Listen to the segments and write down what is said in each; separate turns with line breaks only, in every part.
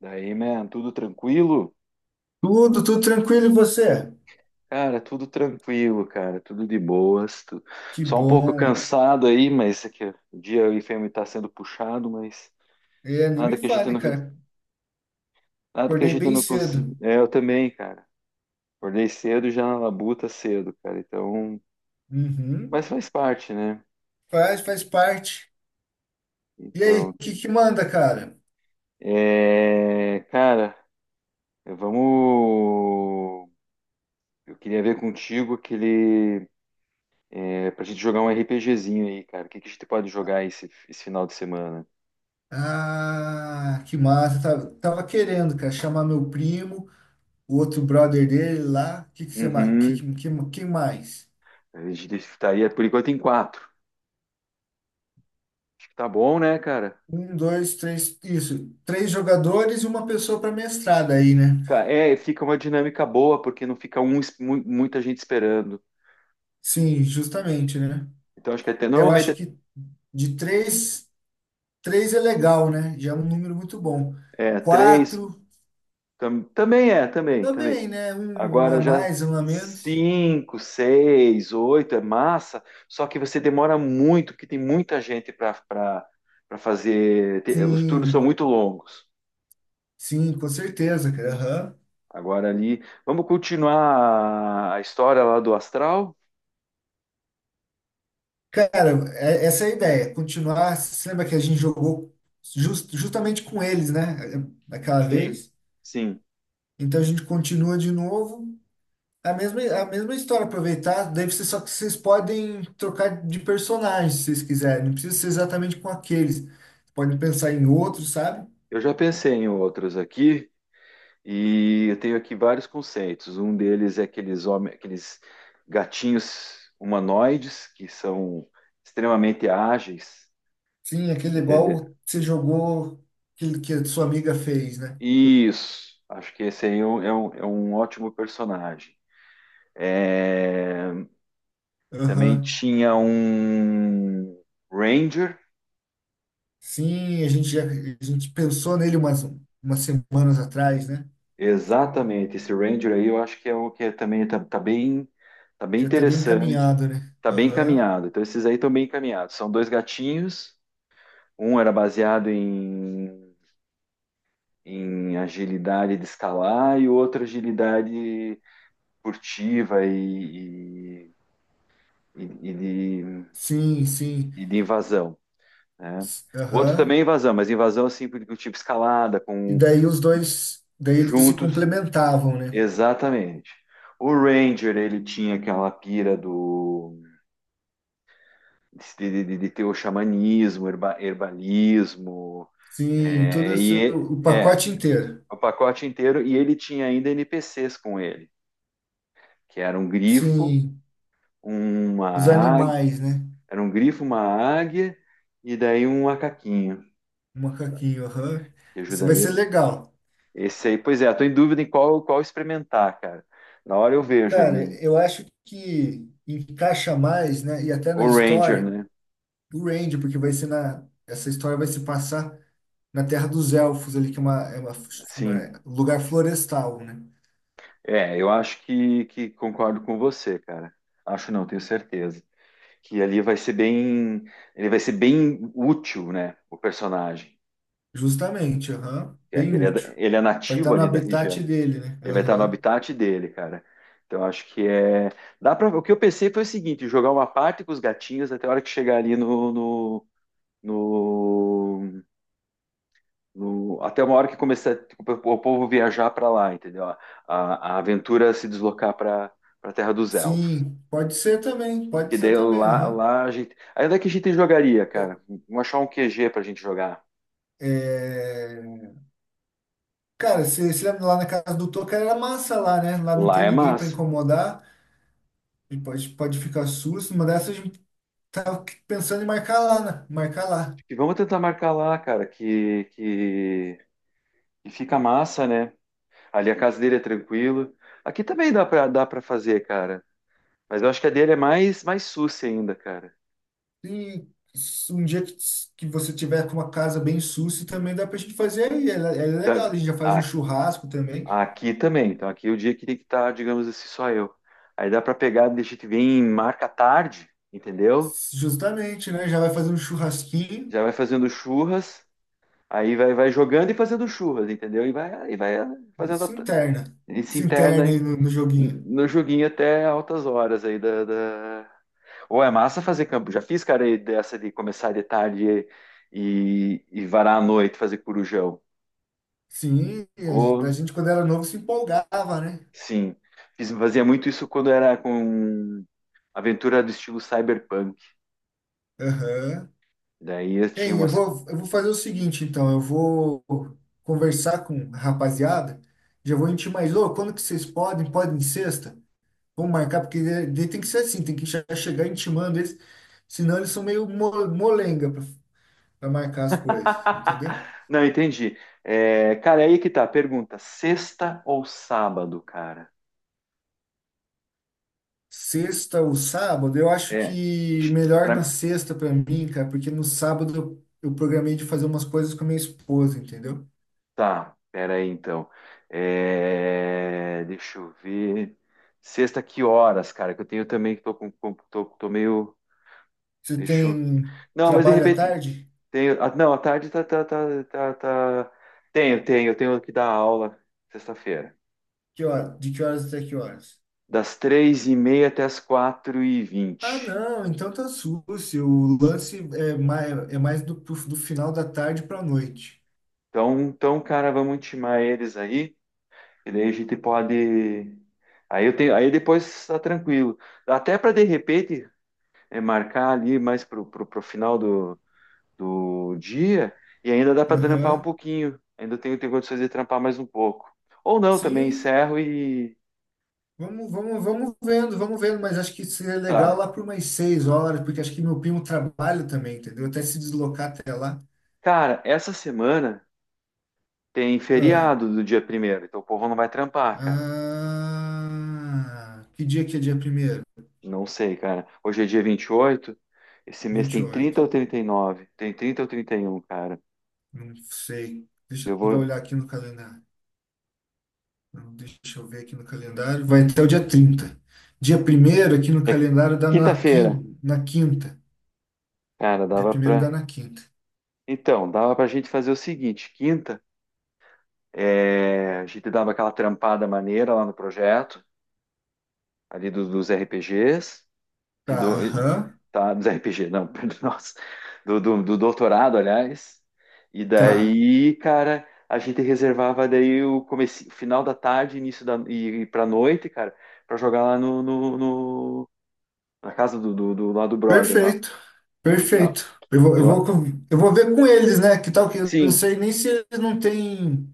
Daí, man, tudo tranquilo?
Tudo tranquilo, e você?
Cara, tudo tranquilo, cara, tudo de boas.
Que
Só um pouco
bom.
cansado aí, mas é que o dia aí tá sendo puxado, mas
É, nem me
nada que a gente
fale,
não,
cara.
nada que a
Acordei
gente
bem
não
cedo.
consiga. É, eu também, cara. Acordei cedo e já na labuta cedo, cara. Então,
Uhum.
mas faz parte, né?
Faz parte. E aí, o
Então,
que que manda, cara?
é, cara, vamos. Eu queria ver contigo aquele, é, pra gente jogar um RPGzinho aí, cara. O que que a gente pode jogar esse final de semana?
Ah, que massa. Tava querendo, cara, chamar meu primo, o outro brother dele lá. O que que você, que,
Uhum.
que, que, que mais?
A gente estaria por enquanto em quatro. Acho que tá bom, né, cara?
Um, dois, três, isso. Três jogadores e uma pessoa para mestrada aí, né?
É, fica uma dinâmica boa, porque não fica um, muita gente esperando.
Sim, justamente, né?
Então acho que até
Eu
normalmente
acho
é
que de três. Três é legal, né? Já é um número muito bom.
é três.
Quatro
Também é, também, também.
também, né? Um a
Agora já
mais, um a menos.
cinco, seis, oito é massa, só que você demora muito, porque tem muita gente para fazer. Os turnos são
Sim,
muito longos.
sim, com certeza, cara. Aham.
Agora ali. Vamos continuar a história lá do astral?
Cara, essa é a ideia. Continuar. Você lembra que a gente jogou justamente com eles, né? Daquela
Sim,
vez.
sim.
Então a gente continua de novo. A mesma história, aproveitar. Daí vocês, só que vocês podem trocar de personagem se vocês quiserem. Não precisa ser exatamente com aqueles. Podem pensar em outros, sabe?
Eu já pensei em outros aqui e eu tenho aqui vários conceitos. Um deles é aqueles gatinhos humanoides que são extremamente ágeis,
Sim, aquele
entendeu?
igual você jogou que a sua amiga fez, né?
Isso, acho que esse aí é um ótimo personagem. É, também
Aham.
tinha um Ranger.
Sim, a gente já a gente pensou nele umas semanas atrás, né?
Exatamente, esse Ranger aí eu acho que é o que é também tá bem
Já tá bem
interessante,
encaminhado, né?
tá bem
Aham.
encaminhado. Então esses aí estão bem encaminhados. São dois gatinhos, um era baseado em agilidade de escalar e o outro agilidade furtiva e, e- e de,
Sim, sim.
e de invasão, né? O outro
Aham.
também é invasão, mas invasão assim do tipo escalada
E
com
daí os dois, daí eles se
juntos,
complementavam, né?
exatamente. O Ranger, ele tinha aquela pira do de ter o xamanismo, herbalismo.
Sim, todo
É,
esse,
e
o
é,
pacote inteiro.
o pacote inteiro. E ele tinha ainda NPCs com ele, que era um grifo,
Sim,
uma
os
águia,
animais, né?
era um grifo, uma águia e daí um macaquinho
O macaquinho, aham.
que
Isso vai
ajudaria.
ser legal.
Esse aí, pois é, estou em dúvida em qual experimentar, cara. Na hora eu vejo ali
Cara,
o,
eu acho que encaixa mais, né? E até
o
na
Ranger,
história,
né?
o Randy, porque vai ser na. Essa história vai se passar na Terra dos Elfos, ali, que é
Sim,
um lugar florestal, né?
é, eu acho que concordo com você, cara. Acho não, tenho certeza que ali vai ser bem, ele vai ser bem útil, né, o personagem.
Justamente, aham.
É
Bem
que ele é,
útil.
ele é
Vai
nativo
estar no
ali da
habitat
região.
dele, né?
Ele vai estar no
Aham.
habitat dele, cara. Então acho que é, dá para. O que eu pensei foi o seguinte: jogar uma parte com os gatinhos até a hora que chegar ali no- até uma hora que começar tipo, o povo viajar para lá, entendeu? A aventura se deslocar para Terra dos Elfos.
Sim, pode
Que
ser
daí
também,
lá,
aham.
lá a gente. Aí onde é que a gente jogaria,
Ô,
cara? Vamos achar um QG pra gente jogar.
é, cara, você se lembra lá na casa do Toca era massa lá, né? Lá não
Lá
tem
é
ninguém para
massa.
incomodar. E pode ficar susto, uma dessas. Tava pensando em marcar lá, né? Marcar lá.
Acho que vamos tentar marcar lá, cara, que fica massa, né? Ali a casa dele é tranquilo. Aqui também dá pra fazer, cara. Mas eu acho que a dele é mais, mais sucia ainda, cara.
E um dia que você tiver com uma casa bem sussa, também dá pra gente fazer aí. É, é legal,
Tá-
a gente já faz um
a-
churrasco também.
Aqui também. Então aqui é o dia que tem que estar, digamos assim, só eu. Aí dá pra pegar, deixa que vem, marca tarde, entendeu?
Justamente, né? Já vai fazer um churrasquinho
Já vai fazendo churras, aí vai jogando e fazendo churras, entendeu? E vai
e
fazendo.
se interna.
Ele se
Se interna aí
interna
no, no joguinho.
no joguinho até altas horas aí. Ou é massa fazer campo. Já fiz, cara, aí dessa de começar de tarde e varar à noite, fazer corujão.
Sim, a gen- a
Ou,
gente quando era novo se empolgava, né?
sim, fazia muito isso quando era com aventura do estilo cyberpunk.
Aham.
Daí eu tinha
Hein, eu
umas.
vou, eu vou fazer o seguinte, então. Eu vou conversar com a rapaziada. Já vou intimar mais, ô, quando que vocês podem? Podem sexta? Vamos marcar, porque daí tem que ser assim, tem que já chegar intimando eles, senão eles são meio molenga para marcar as coisas, entendeu?
Não, entendi. É, cara, aí que tá. Pergunta: sexta ou sábado, cara?
Sexta ou sábado, eu acho
É.
que melhor na
Pra,
sexta para mim, cara, porque no sábado eu programei de fazer umas coisas com a minha esposa, entendeu?
Tá, pera aí então. É, deixa eu ver. Sexta, que horas, cara? Que eu tenho também, que tô com- tô, tô meio.
Você
Deixa eu.
tem
Não, mas de
trabalho à
repente.
tarde?
Tenho... não, à tarde tá, tá, tá, tá, tá. Eu tenho que dar aula sexta-feira.
Que hora? De que horas até que horas?
Das 3h30 até as quatro e
Ah,
vinte.
não, então tá sucio. O lance é mais do, pro- do final da tarde para noite.
Então, cara, vamos intimar eles aí. E daí a gente pode. Aí eu tenho. Aí depois tá tranquilo. Até para de repente. É marcar ali mais pro final do dia, e ainda dá para trampar um
Aham.
pouquinho. Ainda tenho condições de trampar mais um pouco. Ou não, também
Sim,
encerro e
Vamos vendo, mas acho que seria legal
tá.
lá por umas 6 horas, porque acho que meu primo trabalha também, entendeu? Até se deslocar até lá.
Cara, essa semana tem
Ah,
feriado do dia 1º, então o povo não vai trampar, cara.
ah, que dia que é dia primeiro?
Não sei, cara. Hoje é dia 28. Esse mês
vinte e
tem
oito
30 ou 39. Tem 30 ou 31, cara.
Não sei. Deixa
Eu
eu dar uma
vou.
olhada aqui no calendário. Não, deixa eu ver aqui no calendário. Vai até o dia 30. Dia primeiro aqui no
É
calendário dá na
quinta-feira,
quinta. Na quinta.
cara,
Dia
dava
primeiro dá
pra.
na quinta.
Então, dava pra gente fazer o seguinte: quinta. É, a gente dava aquela trampada maneira lá no projeto, ali dos RPGs e
Tá,
do e-
aham.
tá, dos RPG, não, perdão, nossa, do doutorado, aliás. E
Tá.
daí, cara, a gente reservava daí o comece, o final da tarde, início e pra noite, cara, pra jogar lá na casa do lá do brother lá.
Perfeito,
Tá?
perfeito. Eu vou, eu vou,
Eu,
com- eu vou ver com eles, né? Que tal que eu não
sim,
sei nem se eles não têm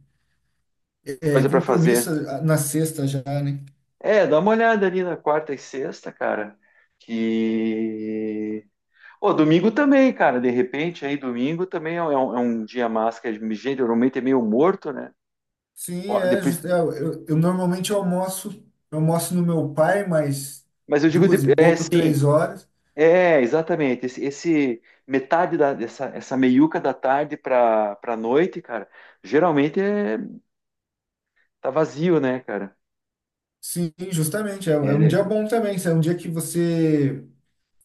é,
coisa pra
compromisso
fazer.
na sexta já, né?
É, dá uma olhada ali na quarta e sexta, cara. Que Pô, domingo também, cara. De repente, aí domingo também é um dia massa, que geralmente é meio morto, né?
Sim,
Ó,
é,
depois,
justo. É, eu normalmente almoço, eu almoço no meu pai, mas
mas eu digo,
duas e
é
pouco,
sim,
3 horas.
é exatamente. Metade da, dessa essa meiuca da tarde pra noite, cara, geralmente é, tá vazio, né, cara?
Sim, justamente. É
É,
um
né?
dia bom também. Isso. É um dia que você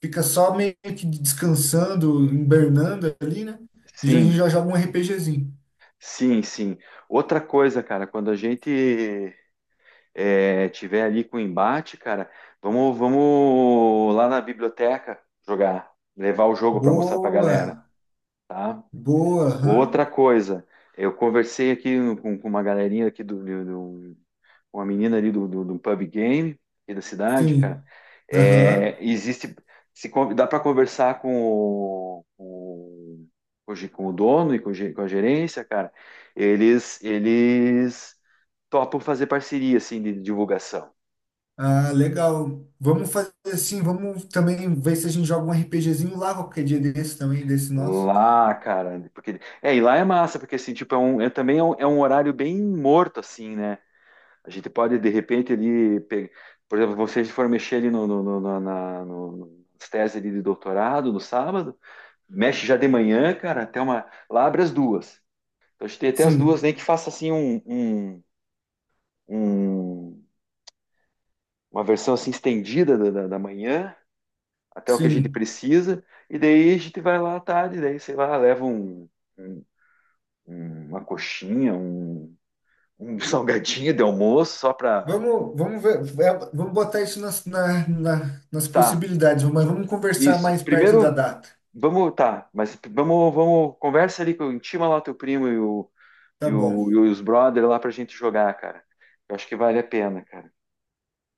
fica só meio que descansando, hibernando ali, né? A gente
Sim,
já joga um RPGzinho.
sim, sim. Outra coisa, cara, quando a gente tiver ali com embate, cara, vamos lá na biblioteca jogar, levar o jogo para mostrar para
Boa,
galera, tá?
boa. Aham.
Outra coisa, eu conversei aqui com uma galerinha aqui uma menina ali do pub game aqui da cidade, cara.
Sim. Aham.
É, existe, se con- dá para conversar com o dono e com a gerência, cara. Eles topam fazer parceria assim de divulgação.
Ah, legal. Vamos fazer assim, vamos também ver se a gente joga um RPGzinho lá qualquer dia desse também, desse nosso.
Lá, cara, porque é, e lá é massa, porque assim, tipo, é um horário bem morto, assim, né? A gente pode de repente ali, por exemplo, vocês for mexer ali no, no, no- no- na, no- nas teses ali de doutorado no sábado, mexe já de manhã, cara, até uma, lá abre as duas. Então a gente tem até as duas,
Sim,
nem que faça assim um, um- uma versão assim estendida da manhã até o que a gente
sim.
precisa, e daí a gente vai lá à tarde, daí sei lá, leva um uma coxinha, um salgadinho de almoço só para
Vamos, vamos ver, é, vamos botar isso nas
tá
possibilidades, mas vamos conversar
isso.
mais perto da
Primeiro
data.
vamos tá, mas vamos conversa ali com intima lá o teu primo
Tá bom.
e os brother lá pra gente jogar, cara. Eu acho que vale a pena, cara.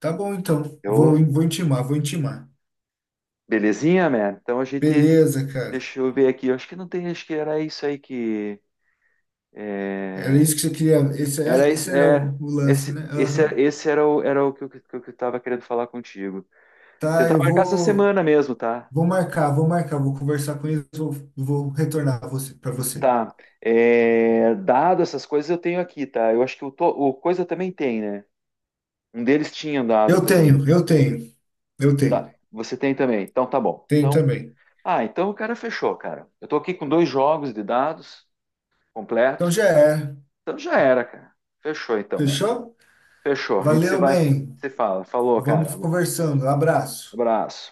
Tá bom, então. Vou,
Eu
vou intimar, vou intimar.
Belezinha, man. Então a gente
Beleza, cara.
deixa eu ver aqui. Eu acho que não tem, acho que era isso aí, que
Era isso que você queria. Esse,
era
esse
isso,
era
é
o lance,
esse,
né?
esse,
Aham.
esse era o que eu tava querendo falar contigo.
Tá,
Tentar
eu
marcar essa
vou.
semana mesmo, tá?
Vou marcar, vou marcar, vou conversar com eles, vou retornar para você.
Tá. É, dado essas coisas eu tenho aqui, tá? Eu acho que o coisa também tem, né? Um deles tinha dado
Eu
também.
tenho, eu tenho, eu
Tá.
tenho,
Você tem também. Então tá bom.
tenho
Então,
também.
ah, então o cara fechou, cara. Eu tô aqui com dois jogos de dados
Então
completo.
já é,
Então já era, cara. Fechou então, mesmo.
fechou?
Fechou. A gente se
Valeu,
vai,
man.
se fala. Falou, cara.
Vamos conversando. Abraço.
Abraço.